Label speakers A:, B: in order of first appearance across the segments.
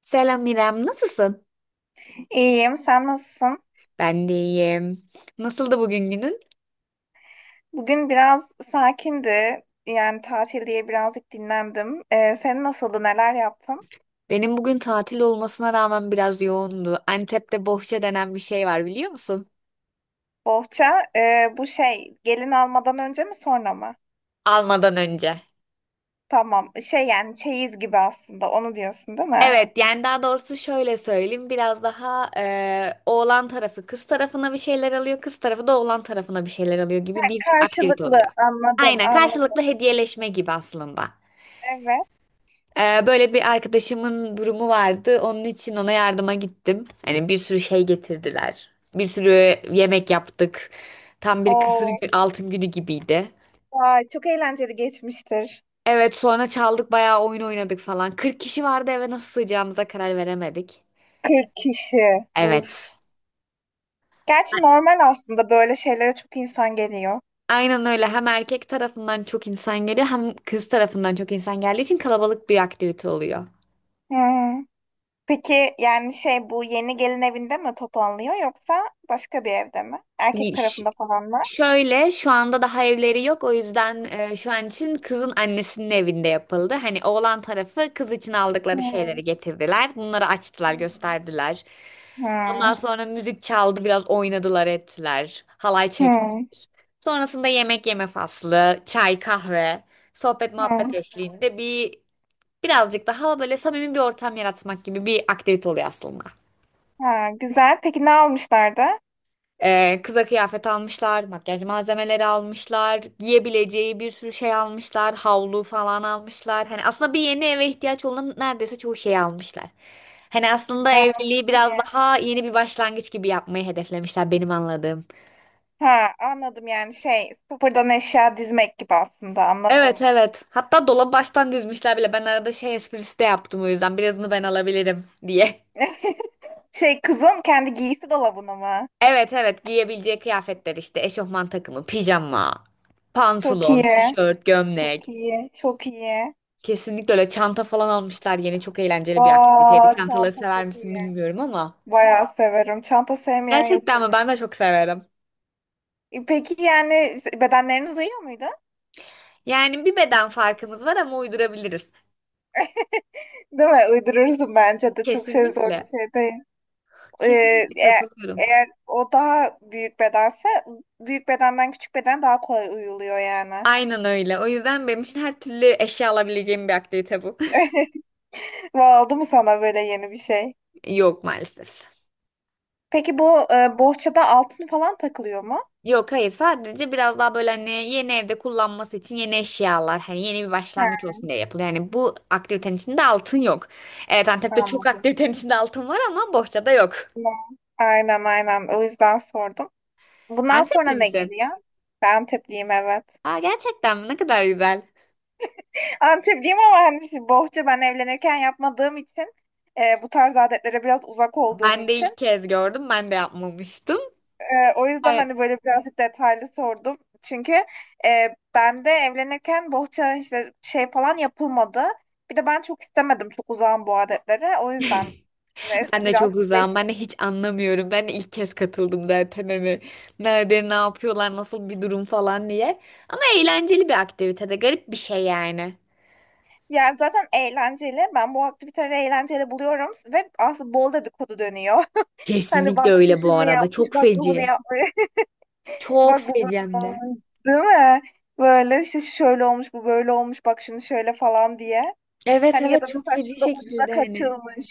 A: Selam İrem, nasılsın?
B: İyiyim, sen nasılsın?
A: Ben de iyiyim. Nasıldı bugün günün?
B: Bugün biraz sakindi. Yani tatil diye birazcık dinlendim. Senin nasıldı, neler yaptın?
A: Benim bugün tatil olmasına rağmen biraz yoğundu. Antep'te bohça denen bir şey var biliyor musun?
B: Bohça, bu şey gelin almadan önce mi sonra mı?
A: Almadan önce.
B: Tamam, şey yani çeyiz gibi aslında onu diyorsun değil mi?
A: Evet, yani daha doğrusu şöyle söyleyeyim. Biraz daha oğlan tarafı kız tarafına bir şeyler alıyor, kız tarafı da oğlan tarafına bir şeyler alıyor gibi bir aktivite
B: Karşılıklı
A: oluyor.
B: anladım,
A: Aynen,
B: anladım.
A: karşılıklı hediyeleşme gibi aslında.
B: Evet.
A: Böyle bir arkadaşımın durumu vardı. Onun için ona yardıma gittim. Hani bir sürü şey getirdiler. Bir sürü yemek yaptık. Tam bir
B: Oo,
A: altın günü gibiydi.
B: vay, çok eğlenceli geçmiştir.
A: Evet, sonra çaldık, bayağı oyun oynadık falan. 40 kişi vardı, eve nasıl sığacağımıza karar veremedik.
B: 40 kişi. Uf.
A: Evet.
B: Gerçi normal aslında böyle şeylere çok insan geliyor.
A: Aynen öyle. Hem erkek tarafından çok insan geliyor, hem kız tarafından çok insan geldiği için kalabalık bir aktivite oluyor.
B: Hı. Peki yani şey bu yeni gelin evinde mi toplanılıyor yoksa başka bir evde mi? Erkek
A: Y- ş-
B: tarafında falan mı?
A: Şöyle, şu anda daha evleri yok, o yüzden şu an için kızın annesinin evinde yapıldı. Hani oğlan tarafı kız için aldıkları
B: Hmm.
A: şeyleri getirdiler. Bunları açtılar,
B: Hmm.
A: gösterdiler. Ondan
B: Hmm.
A: sonra müzik çaldı, biraz oynadılar, ettiler. Halay çektiler.
B: Hmm.
A: Sonrasında yemek yeme faslı, çay, kahve, sohbet
B: Hmm.
A: muhabbet eşliğinde bir birazcık daha böyle samimi bir ortam yaratmak gibi bir aktivite oluyor aslında.
B: Ha, güzel. Peki ne almışlardı?
A: Kıza kıyafet almışlar, makyaj malzemeleri almışlar, giyebileceği bir sürü şey almışlar, havlu falan almışlar. Hani aslında bir yeni eve ihtiyaç olan neredeyse çoğu şeyi almışlar. Hani aslında
B: Aa, çok
A: evliliği
B: iyi.
A: biraz daha yeni bir başlangıç gibi yapmayı hedeflemişler, benim anladığım.
B: Ha, anladım yani şey sıfırdan eşya dizmek gibi aslında
A: Evet,
B: anladım.
A: evet. Hatta dolabı baştan dizmişler bile. Ben arada şey esprisi de yaptım, o yüzden birazını ben alabilirim diye.
B: Şey kızın kendi giysi dolabını mı?
A: Evet, evet, giyebileceği kıyafetler, işte eşofman takımı, pijama,
B: Çok
A: pantolon,
B: iyi.
A: tişört,
B: Çok
A: gömlek.
B: iyi. Çok iyi.
A: Kesinlikle öyle, çanta falan almışlar yeni, çok eğlenceli bir aktiviteydi.
B: Aa,
A: Çantaları
B: çanta
A: sever
B: çok
A: misin
B: iyi.
A: bilmiyorum ama.
B: Bayağı severim. Çanta sevmeyen yoktur.
A: Gerçekten mi? Ben de çok severim.
B: Peki yani bedenleriniz uyuyor muydu?
A: Yani bir beden farkımız var ama uydurabiliriz.
B: Değil mi? Uydurursun bence de. Çok şey zor bir
A: Kesinlikle.
B: şey değil. Ee,
A: Kesinlikle
B: eğer,
A: katılıyorum.
B: eğer o daha büyük bedense, büyük bedenden küçük beden daha kolay uyuluyor yani.
A: Aynen öyle. O yüzden benim için her türlü eşya alabileceğim bir aktivite bu.
B: Vay, oldu mu sana böyle yeni bir şey?
A: Yok, maalesef.
B: Peki bu bohçada altın falan takılıyor mu?
A: Yok, hayır, sadece biraz daha böyle hani yeni evde kullanması için yeni eşyalar, hani yeni bir başlangıç
B: He,
A: olsun diye yapılıyor. Yani bu aktivitenin içinde altın yok. Evet, Antep'te
B: tamam.
A: çok aktivitenin içinde altın var ama bohçada yok.
B: Aynen aynen. O yüzden sordum. Bundan sonra
A: Antepli
B: ne
A: misin?
B: geliyor? Ben Antepliyim, evet.
A: Aa, gerçekten mi? Ne kadar güzel.
B: Antepliyim ama hani şimdi bohça ben evlenirken yapmadığım için bu tarz adetlere biraz uzak olduğum
A: Ben de ilk
B: için,
A: kez gördüm. Ben de yapmamıştım.
B: o yüzden
A: Ay.
B: hani böyle birazcık detaylı sordum. Çünkü ben de evlenirken bohça işte şey falan yapılmadı. Bir de ben çok istemedim, çok uzağım bu adetlere. O yüzden
A: Ben
B: neyse,
A: de
B: biraz
A: çok uzağım.
B: değişti.
A: Ben de hiç anlamıyorum. Ben de ilk kez katıldım zaten hani. Nerede ne yapıyorlar, nasıl bir durum falan diye. Ama eğlenceli bir aktivitede. Garip bir şey yani.
B: Yani zaten eğlenceli. Ben bu aktiviteleri eğlenceli buluyorum ve aslında bol dedikodu dönüyor. Hani
A: Kesinlikle
B: bak şu
A: öyle bu
B: şunu
A: arada.
B: yapmış,
A: Çok
B: bak bu bunu
A: feci.
B: yapmış.
A: Çok
B: Bak bu
A: feci hem
B: böyle
A: de.
B: olmuş, değil mi? Böyle işte şöyle olmuş, bu böyle olmuş, bak şunu şöyle falan diye.
A: Evet,
B: Hani ya
A: evet,
B: da
A: çok
B: mesela
A: feci
B: şurada ucuza
A: şekilde hani.
B: kaçılmış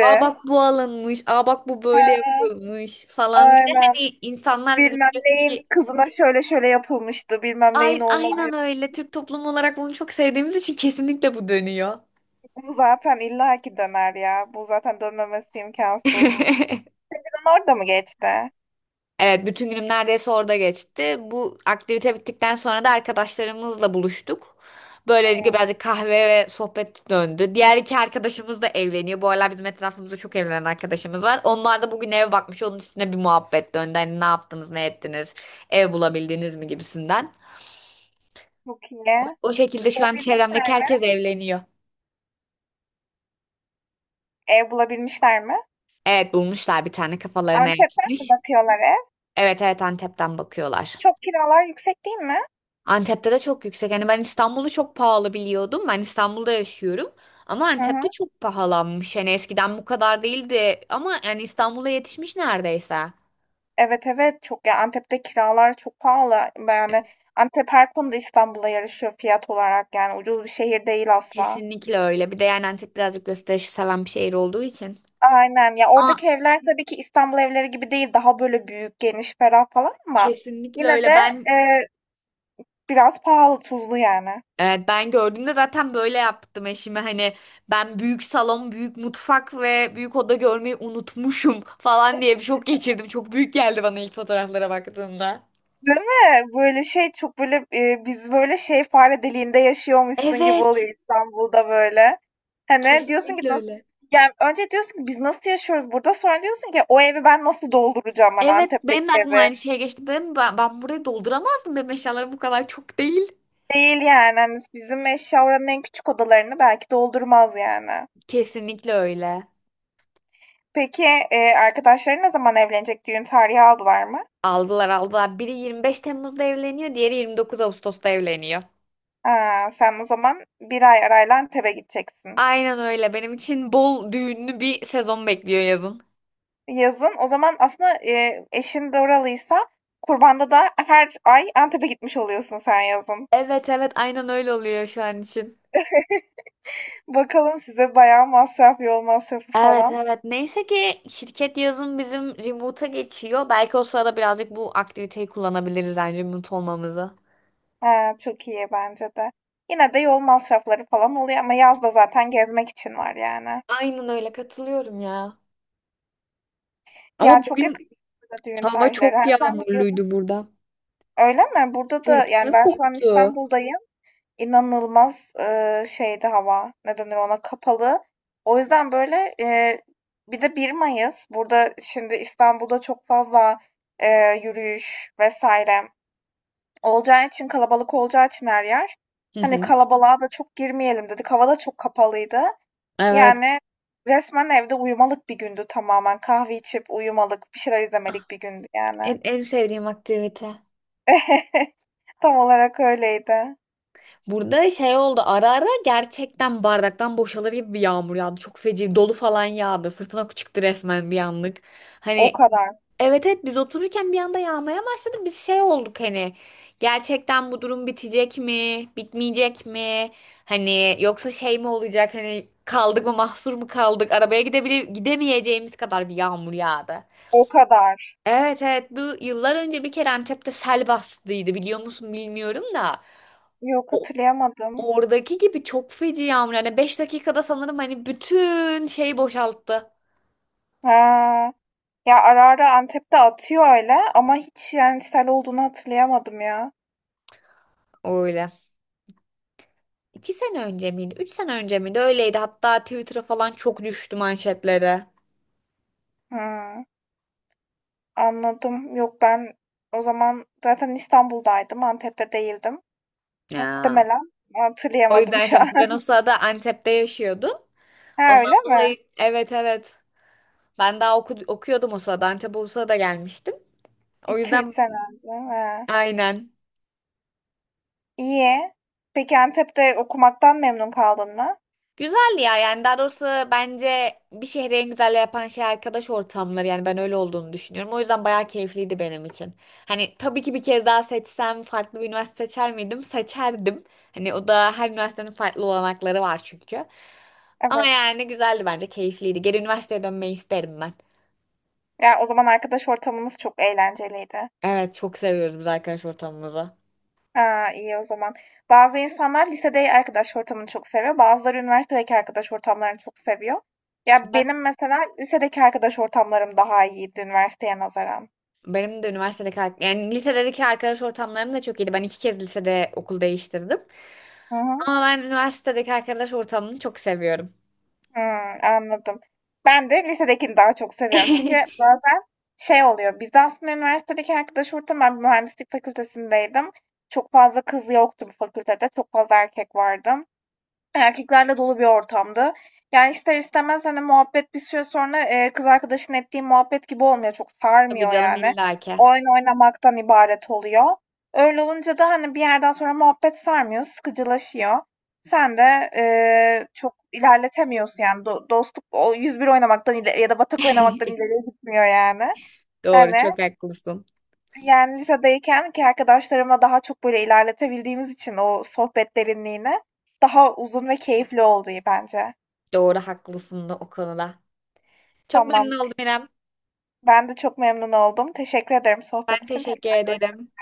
A: Aa, bak bu alınmış. Aa, bak bu böyle yapılmış falan. Bir de
B: Aynen.
A: hani insanlar bizim
B: Bilmem neyin kızına şöyle şöyle yapılmıştı. Bilmem neyin oğluna bu
A: Aynen
B: yapıldı.
A: öyle. Türk toplumu olarak bunu çok sevdiğimiz için kesinlikle bu dönüyor.
B: Bu zaten illaki döner ya. Bu zaten dönmemesi imkansız. Sizin orada mı geçti?
A: Evet, bütün günüm neredeyse orada geçti. Bu aktivite bittikten sonra da arkadaşlarımızla buluştuk. Böylelikle
B: Evet.
A: birazcık kahve ve sohbet döndü. Diğer iki arkadaşımız da evleniyor. Bu aralar bizim etrafımızda çok evlenen arkadaşımız var. Onlar da bugün eve bakmış. Onun üstüne bir muhabbet döndü. Hani ne yaptınız, ne ettiniz, ev bulabildiniz mi gibisinden.
B: Çok iyi.
A: O şekilde şu an çevremdeki
B: Bulabilmişler mi?
A: herkes evleniyor.
B: Ev bulabilmişler mi?
A: Evet, bulmuşlar, bir tane kafalarına
B: Antep'ten mi
A: yatmış.
B: bakıyorlar ev?
A: Evet, evet, Antep'ten bakıyorlar.
B: Çok kiralar yüksek değil mi?
A: Antep'te de çok yüksek. Hani ben İstanbul'u çok pahalı biliyordum. Ben İstanbul'da yaşıyorum. Ama
B: Hı hı.
A: Antep'te çok pahalanmış. Hani eskiden bu kadar değildi. Ama yani İstanbul'a yetişmiş neredeyse.
B: Evet, evet, çok ya, Antep'te kiralar çok pahalı. Yani Antep her konuda İstanbul'a yarışıyor fiyat olarak, yani ucuz bir şehir değil asla.
A: Kesinlikle öyle. Bir de yani Antep birazcık gösterişi seven bir şehir olduğu için.
B: Aynen ya,
A: Aa,
B: oradaki evler tabii ki İstanbul evleri gibi değil, daha böyle büyük, geniş, ferah falan ama
A: kesinlikle
B: yine de
A: öyle. Ben
B: e, biraz pahalı, tuzlu yani.
A: evet, ben gördüğümde zaten böyle yaptım eşime. Hani ben büyük salon, büyük mutfak ve büyük oda görmeyi unutmuşum falan diye bir şok geçirdim. Çok büyük geldi bana ilk fotoğraflara baktığımda.
B: Değil mi? Böyle şey çok böyle, biz böyle şey fare deliğinde yaşıyormuşsun gibi
A: Evet.
B: oluyor İstanbul'da böyle. Hani diyorsun ki
A: Kesinlikle
B: nasıl
A: öyle.
B: yani, önce diyorsun ki biz nasıl yaşıyoruz burada? Sonra diyorsun ki o evi ben nasıl dolduracağım, ben
A: Evet,
B: Antep'teki
A: benim de aklıma
B: evi?
A: aynı şey geçti. Ben burayı dolduramazdım. Benim eşyalarım bu kadar çok değil.
B: Değil yani, hani bizim eşya oranın en küçük odalarını belki doldurmaz yani.
A: Kesinlikle öyle.
B: Peki, arkadaşların ne zaman evlenecek? Düğün tarihi aldılar mı?
A: Aldılar, aldılar. Biri 25 Temmuz'da evleniyor, diğeri 29 Ağustos'ta evleniyor.
B: Ha, sen o zaman bir ay arayla Antep'e gideceksin.
A: Aynen öyle. Benim için bol düğünlü bir sezon bekliyor yazın.
B: Yazın. O zaman aslında, eşin de oralıysa, kurbanda da her ay Antep'e gitmiş oluyorsun sen yazın.
A: Evet, evet, aynen öyle oluyor şu an için.
B: Bakalım, size bayağı masraf, yol masrafı
A: Evet,
B: falan.
A: evet. Neyse ki şirket yazın bizim remote'a geçiyor. Belki o sırada birazcık bu aktiviteyi kullanabiliriz, yani remote olmamızı.
B: Ha, çok iyi bence de. Yine de yol masrafları falan oluyor ama yaz da zaten gezmek için var yani.
A: Aynen öyle, katılıyorum ya.
B: Ya
A: Ama
B: çok yakın
A: bugün
B: burada düğün
A: hava
B: tarihleri. Ha,
A: çok
B: sen ne diyordun?
A: yağmurluydu burada.
B: Öyle mi? Burada da yani,
A: Fırtına
B: ben şu an
A: koptu.
B: İstanbul'dayım. İnanılmaz şeydi hava, ne denir ona, kapalı. O yüzden, böyle, bir de bir Mayıs, burada şimdi İstanbul'da çok fazla, yürüyüş vesaire olacağı için, kalabalık olacağı için her yer,
A: Hı
B: hani,
A: hı.
B: kalabalığa da çok girmeyelim dedik. Hava da çok kapalıydı.
A: Evet.
B: Yani resmen evde uyumalık bir gündü tamamen. Kahve içip uyumalık, bir şeyler izlemelik bir gündü yani.
A: En sevdiğim aktivite.
B: Tam olarak öyleydi.
A: Burada şey oldu, ara ara gerçekten bardaktan boşalır gibi bir yağmur yağdı. Çok feci, dolu falan yağdı. Fırtına çıktı resmen bir anlık.
B: O
A: Hani
B: kadar,
A: evet, evet, biz otururken bir anda yağmaya başladı. Biz şey olduk, hani gerçekten bu durum bitecek mi? Bitmeyecek mi? Hani yoksa şey mi olacak? Hani kaldık mı, mahsur mu kaldık? Arabaya gidemeyeceğimiz kadar bir yağmur yağdı.
B: o kadar.
A: Evet, evet, bu yıllar önce bir kere Antep'te sel bastıydı, biliyor musun bilmiyorum da.
B: Yok, hatırlayamadım.
A: Oradaki gibi çok feci yağmur. Yani 5 dakikada sanırım hani bütün şeyi boşalttı.
B: Ha, ya ara ara Antep'te atıyor öyle ama hiç yani sel olduğunu hatırlayamadım ya.
A: Öyle. 2 sene önce miydi? 3 sene önce miydi? Öyleydi. Hatta Twitter'a falan çok düştü manşetlere.
B: Hı, anladım. Yok, ben o zaman zaten İstanbul'daydım. Antep'te değildim.
A: Ya.
B: Muhtemelen
A: O
B: hatırlayamadım
A: yüzden
B: şu
A: şey,
B: an.
A: ben o sırada Antep'te yaşıyordum.
B: Ha, öyle
A: Ondan
B: mi?
A: dolayı evet, evet. Ben daha okuyordum o sırada. Antep'e o sırada gelmiştim. O
B: 2 üç
A: yüzden
B: sene önce. He.
A: aynen.
B: İyi. Peki Antep'te okumaktan memnun kaldın mı?
A: Güzel ya, yani daha doğrusu bence bir şehri en güzel yapan şey arkadaş ortamları, yani ben öyle olduğunu düşünüyorum. O yüzden bayağı keyifliydi benim için. Hani tabii ki bir kez daha seçsem farklı bir üniversite seçer miydim? Seçerdim. Hani o da, her üniversitenin farklı olanakları var çünkü. Ama
B: Evet.
A: yani güzeldi, bence keyifliydi. Geri üniversiteye dönmeyi isterim ben.
B: Ya o zaman arkadaş ortamınız çok eğlenceliydi.
A: Evet, çok seviyoruz biz arkadaş ortamımızı.
B: Ha, iyi o zaman. Bazı insanlar lisede arkadaş ortamını çok seviyor. Bazıları üniversitedeki arkadaş ortamlarını çok seviyor. Ya
A: Ben,
B: benim mesela lisedeki arkadaş ortamlarım daha iyiydi üniversiteye nazaran.
A: benim de üniversitedeki yani lisedeki arkadaş ortamlarım da çok iyiydi. Ben iki kez lisede okul değiştirdim.
B: Hı hı.
A: Ama ben üniversitedeki arkadaş ortamını çok seviyorum.
B: Hmm, anladım. Ben de lisedekini daha çok seviyorum. Çünkü bazen şey oluyor. Bizde aslında üniversitedeki arkadaş ortamı, ben bir mühendislik fakültesindeydim. Çok fazla kız yoktu bu fakültede. Çok fazla erkek vardı. Erkeklerle dolu bir ortamdı. Yani, ister istemez, hani, muhabbet bir süre sonra, kız arkadaşın ettiğin muhabbet gibi olmuyor. Çok
A: Tabii
B: sarmıyor
A: canım,
B: yani.
A: illaki.
B: Oyun oynamaktan ibaret oluyor. Öyle olunca da, hani, bir yerden sonra muhabbet sarmıyor, sıkıcılaşıyor. Sen de, çok ilerletemiyorsun yani dostluk o 101 oynamaktan ile ya da Batak oynamaktan ileriye gitmiyor yani.
A: Doğru,
B: Hani
A: çok haklısın.
B: yani lisedeyken ki arkadaşlarımla daha çok böyle ilerletebildiğimiz için o sohbet derinliğini daha uzun ve keyifli oldu bence.
A: Doğru, haklısın da o konuda. Çok
B: Tamam.
A: memnun oldum İrem.
B: Ben de çok memnun oldum. Teşekkür ederim
A: Ben
B: sohbet için.
A: teşekkür
B: Tekrar
A: ederim.
B: görüşürüz.